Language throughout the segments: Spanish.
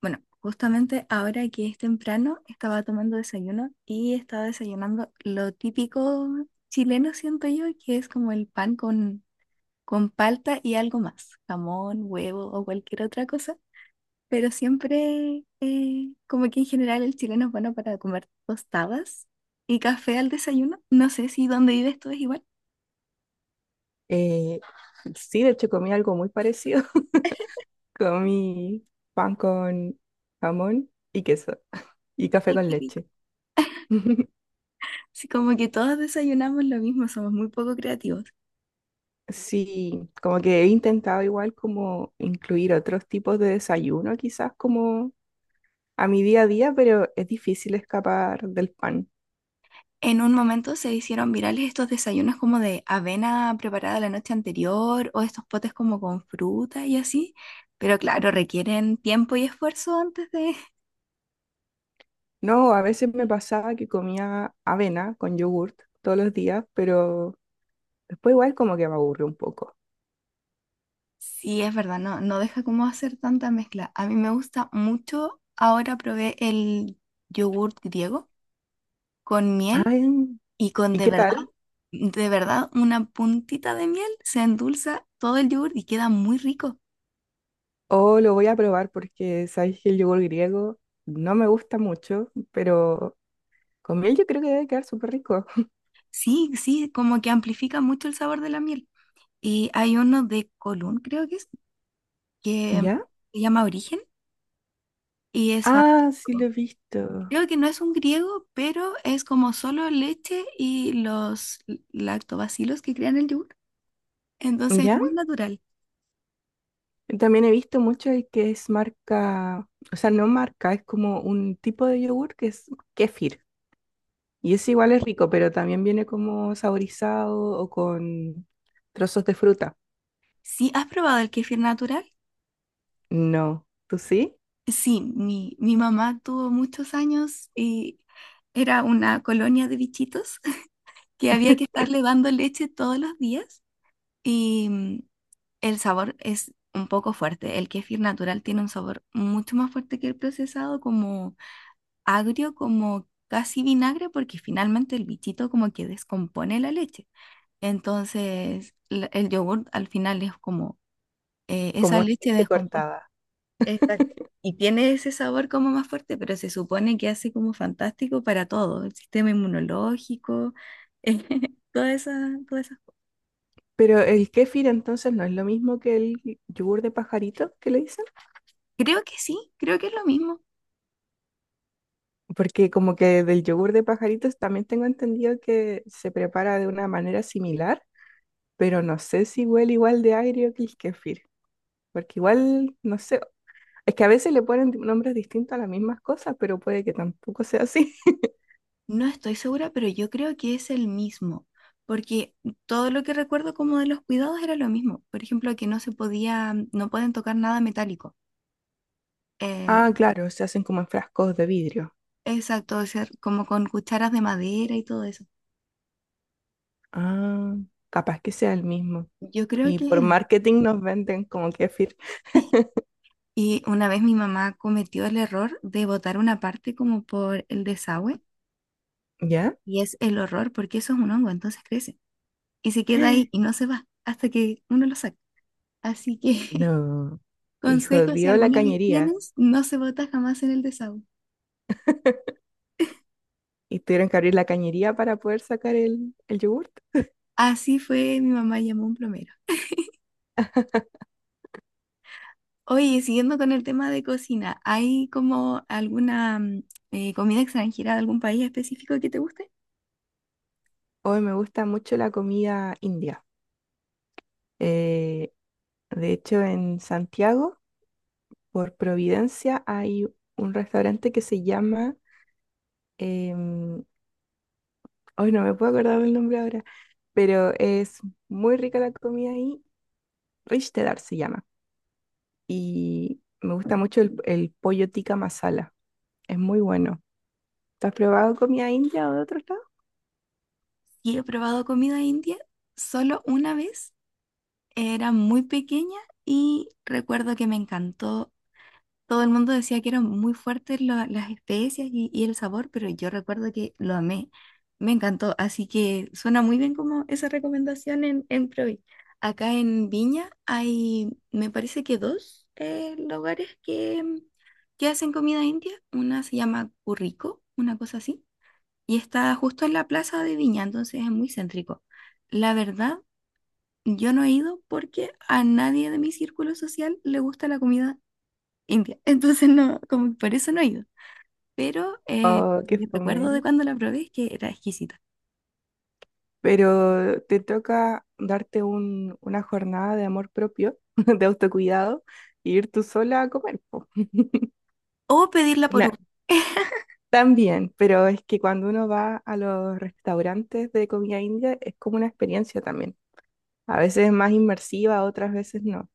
Bueno, justamente ahora que es temprano, estaba tomando desayuno y estaba desayunando lo típico chileno, siento yo, que es como el pan con palta y algo más, jamón, huevo o cualquier otra cosa. Pero siempre, como que en general el chileno es bueno para comer tostadas y café al desayuno. No sé si donde vives tú es igual. Eh, sí, de hecho comí algo muy parecido. Comí pan con jamón y queso y café Ay, con qué rico. leche. Sí, como que todos desayunamos lo mismo, somos muy poco creativos. Sí, como que he intentado igual como incluir otros tipos de desayuno quizás como a mi día a día, pero es difícil escapar del pan. En un momento se hicieron virales estos desayunos como de avena preparada la noche anterior o estos potes como con fruta y así, pero claro, requieren tiempo y esfuerzo antes de... No, a veces me pasaba que comía avena con yogurt todos los días, pero después igual como que me aburrió un poco. Sí, es verdad, no deja como hacer tanta mezcla. A mí me gusta mucho, ahora probé el yogurt griego con miel Ay, y con ¿y qué tal? de verdad, una puntita de miel se endulza todo el yogurt y queda muy rico. O lo voy a probar porque sabéis que el yogur griego no me gusta mucho, pero con miel yo creo que debe quedar súper rico. Sí, sí, como que amplifica mucho el sabor de la miel. Y hay uno de Colón, creo que es, que ¿Ya? se llama Origen y es Ah, sí lo fantástico. he visto. Creo que no es un griego, pero es como solo leche y los lactobacilos que crean el yogur. Entonces es ¿Ya? muy natural. También he visto mucho el que es marca, o sea, no marca, es como un tipo de yogur que es kéfir. Y ese igual es rico, pero también viene como saborizado o con trozos de fruta. ¿Sí has probado el kéfir natural? No, ¿tú sí? Sí, mi mamá tuvo muchos años y era una colonia de bichitos que había que estarle dando leche todos los días. Y el sabor es un poco fuerte. El kéfir natural tiene un sabor mucho más fuerte que el procesado, como agrio, como casi vinagre, porque finalmente el bichito como que descompone la leche. Entonces, el yogur al final es como esa Como una leche leche descompuesta. cortada. Exacto. Y tiene ese sabor como más fuerte, pero se supone que hace como fantástico para todo, el sistema inmunológico, todas esas, todas esas. Pero el kéfir entonces no es lo mismo que el yogur de pajarito que le dicen. Creo que sí, creo que es lo mismo. Porque como que del yogur de pajaritos también tengo entendido que se prepara de una manera similar, pero no sé si huele igual de agrio que el kéfir, porque igual, no sé, es que a veces le ponen nombres distintos a las mismas cosas, pero puede que tampoco sea así. No estoy segura, pero yo creo que es el mismo, porque todo lo que recuerdo como de los cuidados era lo mismo. Por ejemplo, que no se podía, no pueden tocar nada metálico. Eh, Ah, claro, se hacen como en frascos de vidrio. exacto, o sea, como con cucharas de madera y todo eso. Ah, capaz que sea el mismo. Yo creo Y que es por el... marketing nos venden como kéfir. Y una vez mi mamá cometió el error de botar una parte como por el desagüe, ¿Ya? y es el horror porque eso es un hongo, entonces crece y se queda ahí y no se va hasta que uno lo saca. Así que No. Y consejo, si jodió la alguna vez cañería. tienes, no se bota jamás en el desagüe. Y tuvieron que abrir la cañería para poder sacar el yogur. Así fue, mi mamá llamó a un plomero. Oye, siguiendo con el tema de cocina, ¿hay como alguna comida extranjera de algún país específico que te guste? Hoy me gusta mucho la comida india. Eh, de hecho, en Santiago, por Providencia, hay un restaurante que se llama, em, hoy no me puedo acordar del nombre ahora, pero es muy rica la comida ahí. Rishtedar se llama. Y me gusta mucho el pollo tikka masala. Es muy bueno. ¿Tú has probado comida india o de otro lado? Sí, he probado comida india solo una vez, era muy pequeña y recuerdo que me encantó. Todo el mundo decía que eran muy fuertes las especias y el sabor, pero yo recuerdo que lo amé. Me encantó, así que suena muy bien como esa recomendación en Provi. Acá en Viña hay, me parece que dos lugares que, que hacen comida india. Una se llama Currico, una cosa así, y está justo en la plaza de Viña, entonces es muy céntrico. La verdad, yo no he ido porque a nadie de mi círculo social le gusta la comida india. Entonces no, como que por eso no he ido. Pero Oh, lo qué que recuerdo de fome, cuando la probé es que era exquisita. pero te toca darte una jornada de amor propio, de autocuidado, e ir tú sola a comer, po. O pedirla por Una... Uber. también, pero es que cuando uno va a los restaurantes de comida india es como una experiencia también. A veces es más inmersiva, otras veces no,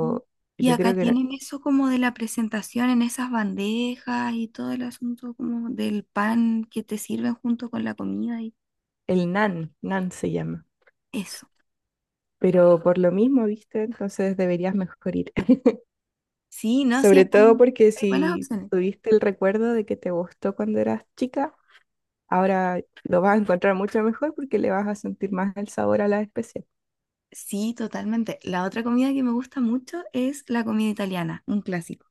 Mm. Y yo acá creo que no... tienen eso como de la presentación en esas bandejas y todo el asunto como del pan que te sirven junto con la comida y el nan, nan se llama. eso. Pero por lo mismo, ¿viste? Entonces deberías mejor ir. Sí, no, sí, Sobre acá todo hay porque hay buenas si opciones. tuviste el recuerdo de que te gustó cuando eras chica, ahora lo vas a encontrar mucho mejor porque le vas a sentir más el sabor a la especial. Sí, totalmente. La otra comida que me gusta mucho es la comida italiana, un clásico.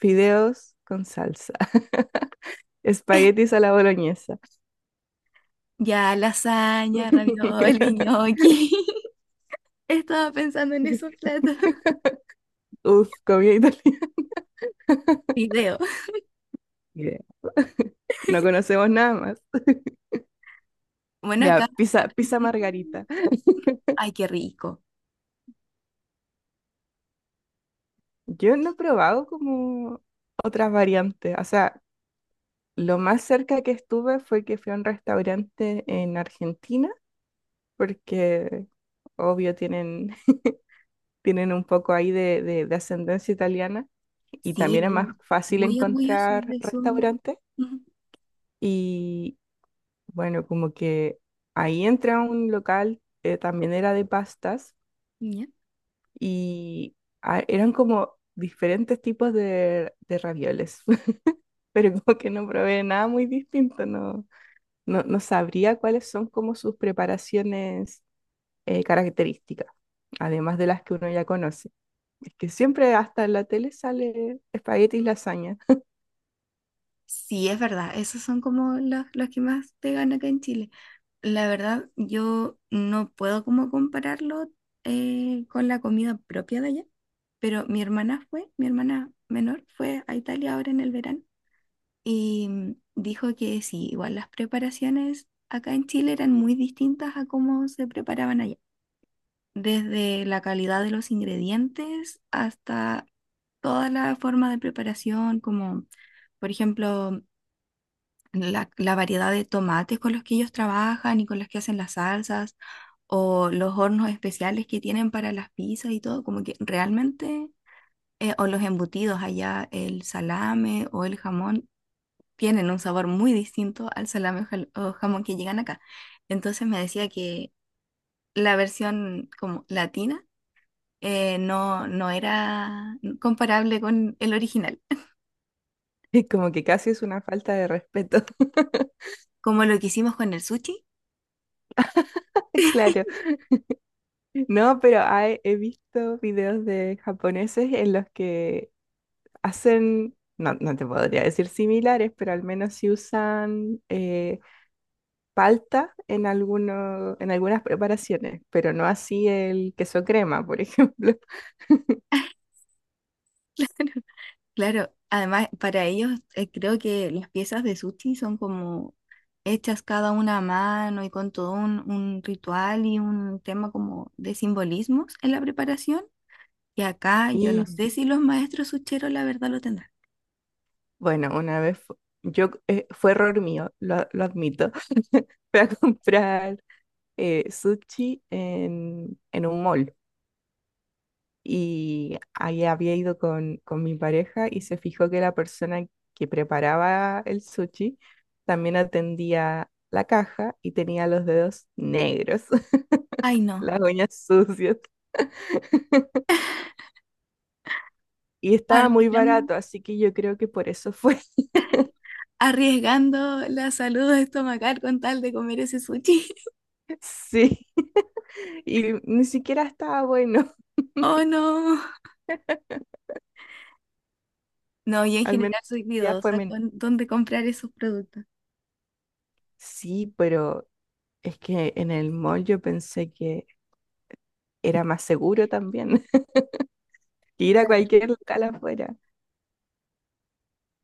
Fideos con salsa, espaguetis a la boloñesa. Ya, lasaña, ravioli, gnocchi. Estaba pensando en esos platos. Uf, comida italiana. Video. Yeah. No conocemos nada más. Bueno, Ya, acá, pizza, acá en pizza Chile. margarita. Ay, qué rico. Yo no he probado como otras variantes. O sea, lo más cerca que estuve fue que fui a un restaurante en Argentina, porque obvio tienen un poco ahí de, de ascendencia italiana y también Sí, es más yo fácil muy orgulloso encontrar de su. restaurantes. Ujú, Y bueno, como que ahí entra un local, también era de pastas. ya. Y ah, eran como diferentes tipos de ravioles, pero como que no probé nada muy distinto. No, no, no sabría cuáles son como sus preparaciones características, además de las que uno ya conoce. Es que siempre hasta en la tele sale espaguetis lasaña. Sí, es verdad. Esos son como los que más pegan acá en Chile. La verdad, yo no puedo como compararlo con la comida propia de allá. Pero mi hermana fue, mi hermana menor fue a Italia ahora en el verano. Y dijo que sí, igual las preparaciones acá en Chile eran muy distintas a cómo se preparaban allá, desde la calidad de los ingredientes hasta toda la forma de preparación, como por ejemplo la, la variedad de tomates con los que ellos trabajan y con los que hacen las salsas, o los hornos especiales que tienen para las pizzas y todo, como que realmente, o los embutidos allá, el salame o el jamón tienen un sabor muy distinto al salame o jamón que llegan acá. Entonces me decía que la versión como latina no era comparable con el original. Es como que casi es una falta de respeto. Como lo que hicimos con el sushi, Claro. No, pero hay... he visto videos de japoneses en los que hacen, no, no te podría decir similares, pero al menos sí usan palta en alguno, en algunas preparaciones, pero no así el queso crema, por ejemplo. claro, además para ellos creo que las piezas de sushi son como hechas cada una a mano y con todo un ritual y un tema como de simbolismos en la preparación. Y acá yo no Y sé si los maestros sucheros la verdad lo tendrán. bueno, una vez yo fue error mío, lo admito. Fui a comprar sushi en un mall y ahí había ido con mi pareja y se fijó que la persona que preparaba el sushi también atendía la caja y tenía los dedos negros, Ay, no. las uñas sucias y Ah, estaba muy barato, así que yo creo que por eso fue. arriesgando la salud estomacal con tal de comer ese sushi. Sí, y ni siquiera estaba bueno. Oh, no. No, y en Al menos general soy ya fue cuidadosa menos. con dónde comprar esos productos. Sí, pero es que en el mall yo pensé que era más seguro también que ir a Claro. cualquier local afuera.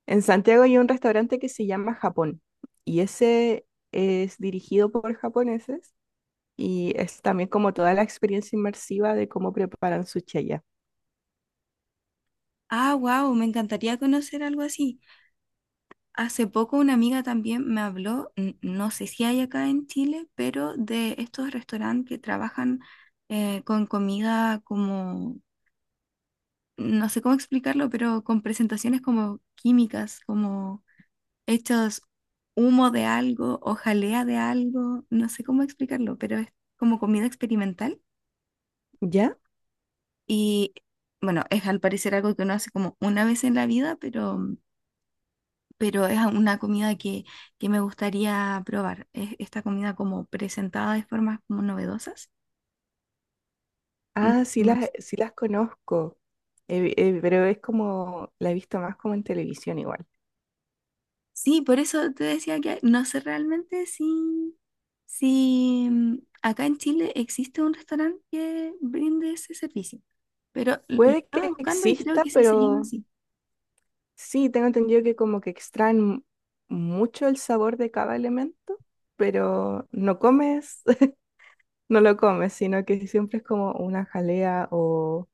En Santiago hay un restaurante que se llama Japón y ese es dirigido por japoneses y es también como toda la experiencia inmersiva de cómo preparan sushi allá. Ah, wow, me encantaría conocer algo así. Hace poco una amiga también me habló, no sé si hay acá en Chile, pero de estos restaurantes que trabajan con comida como, no sé cómo explicarlo, pero con presentaciones como químicas, como hechos humo de algo o jalea de algo, no sé cómo explicarlo, pero es como comida experimental ¿Ya? y bueno, es al parecer algo que uno hace como una vez en la vida, pero es una comida que me gustaría probar. Es esta comida como presentada de formas como novedosas. Mm, Ah, no. Sí las conozco, pero es como, la he visto más como en televisión igual. Sí, por eso te decía que no sé realmente si, si acá en Chile existe un restaurante que brinde ese servicio, pero lo Puede estaba que buscando y creo exista, que sí se llama pero así. sí, tengo entendido que como que extraen mucho el sabor de cada elemento, pero no comes, no lo comes, sino que siempre es como una jalea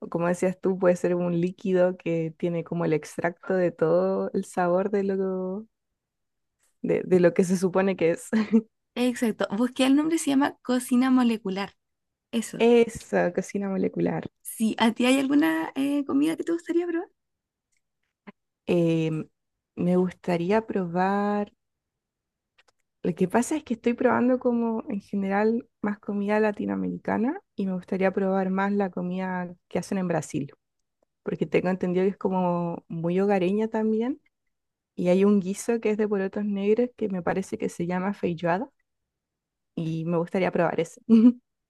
o como decías tú, puede ser un líquido que tiene como el extracto de todo el sabor de lo que se supone que es. Exacto, busqué el nombre, se llama Cocina Molecular. Eso. Esa cocina molecular. Sí. ¿A ti hay alguna comida que te gustaría probar? Em, Me gustaría probar, lo que pasa es que estoy probando como en general más comida latinoamericana y me gustaría probar más la comida que hacen en Brasil, porque tengo entendido que es como muy hogareña también. Y hay un guiso que es de porotos negros que me parece que se llama feijoada y me gustaría probar ese.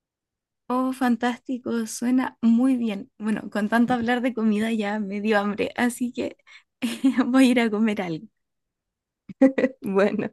Oh, fantástico, suena muy bien. Bueno, con tanto hablar de comida ya me dio hambre, así que voy a ir a comer algo. Bueno.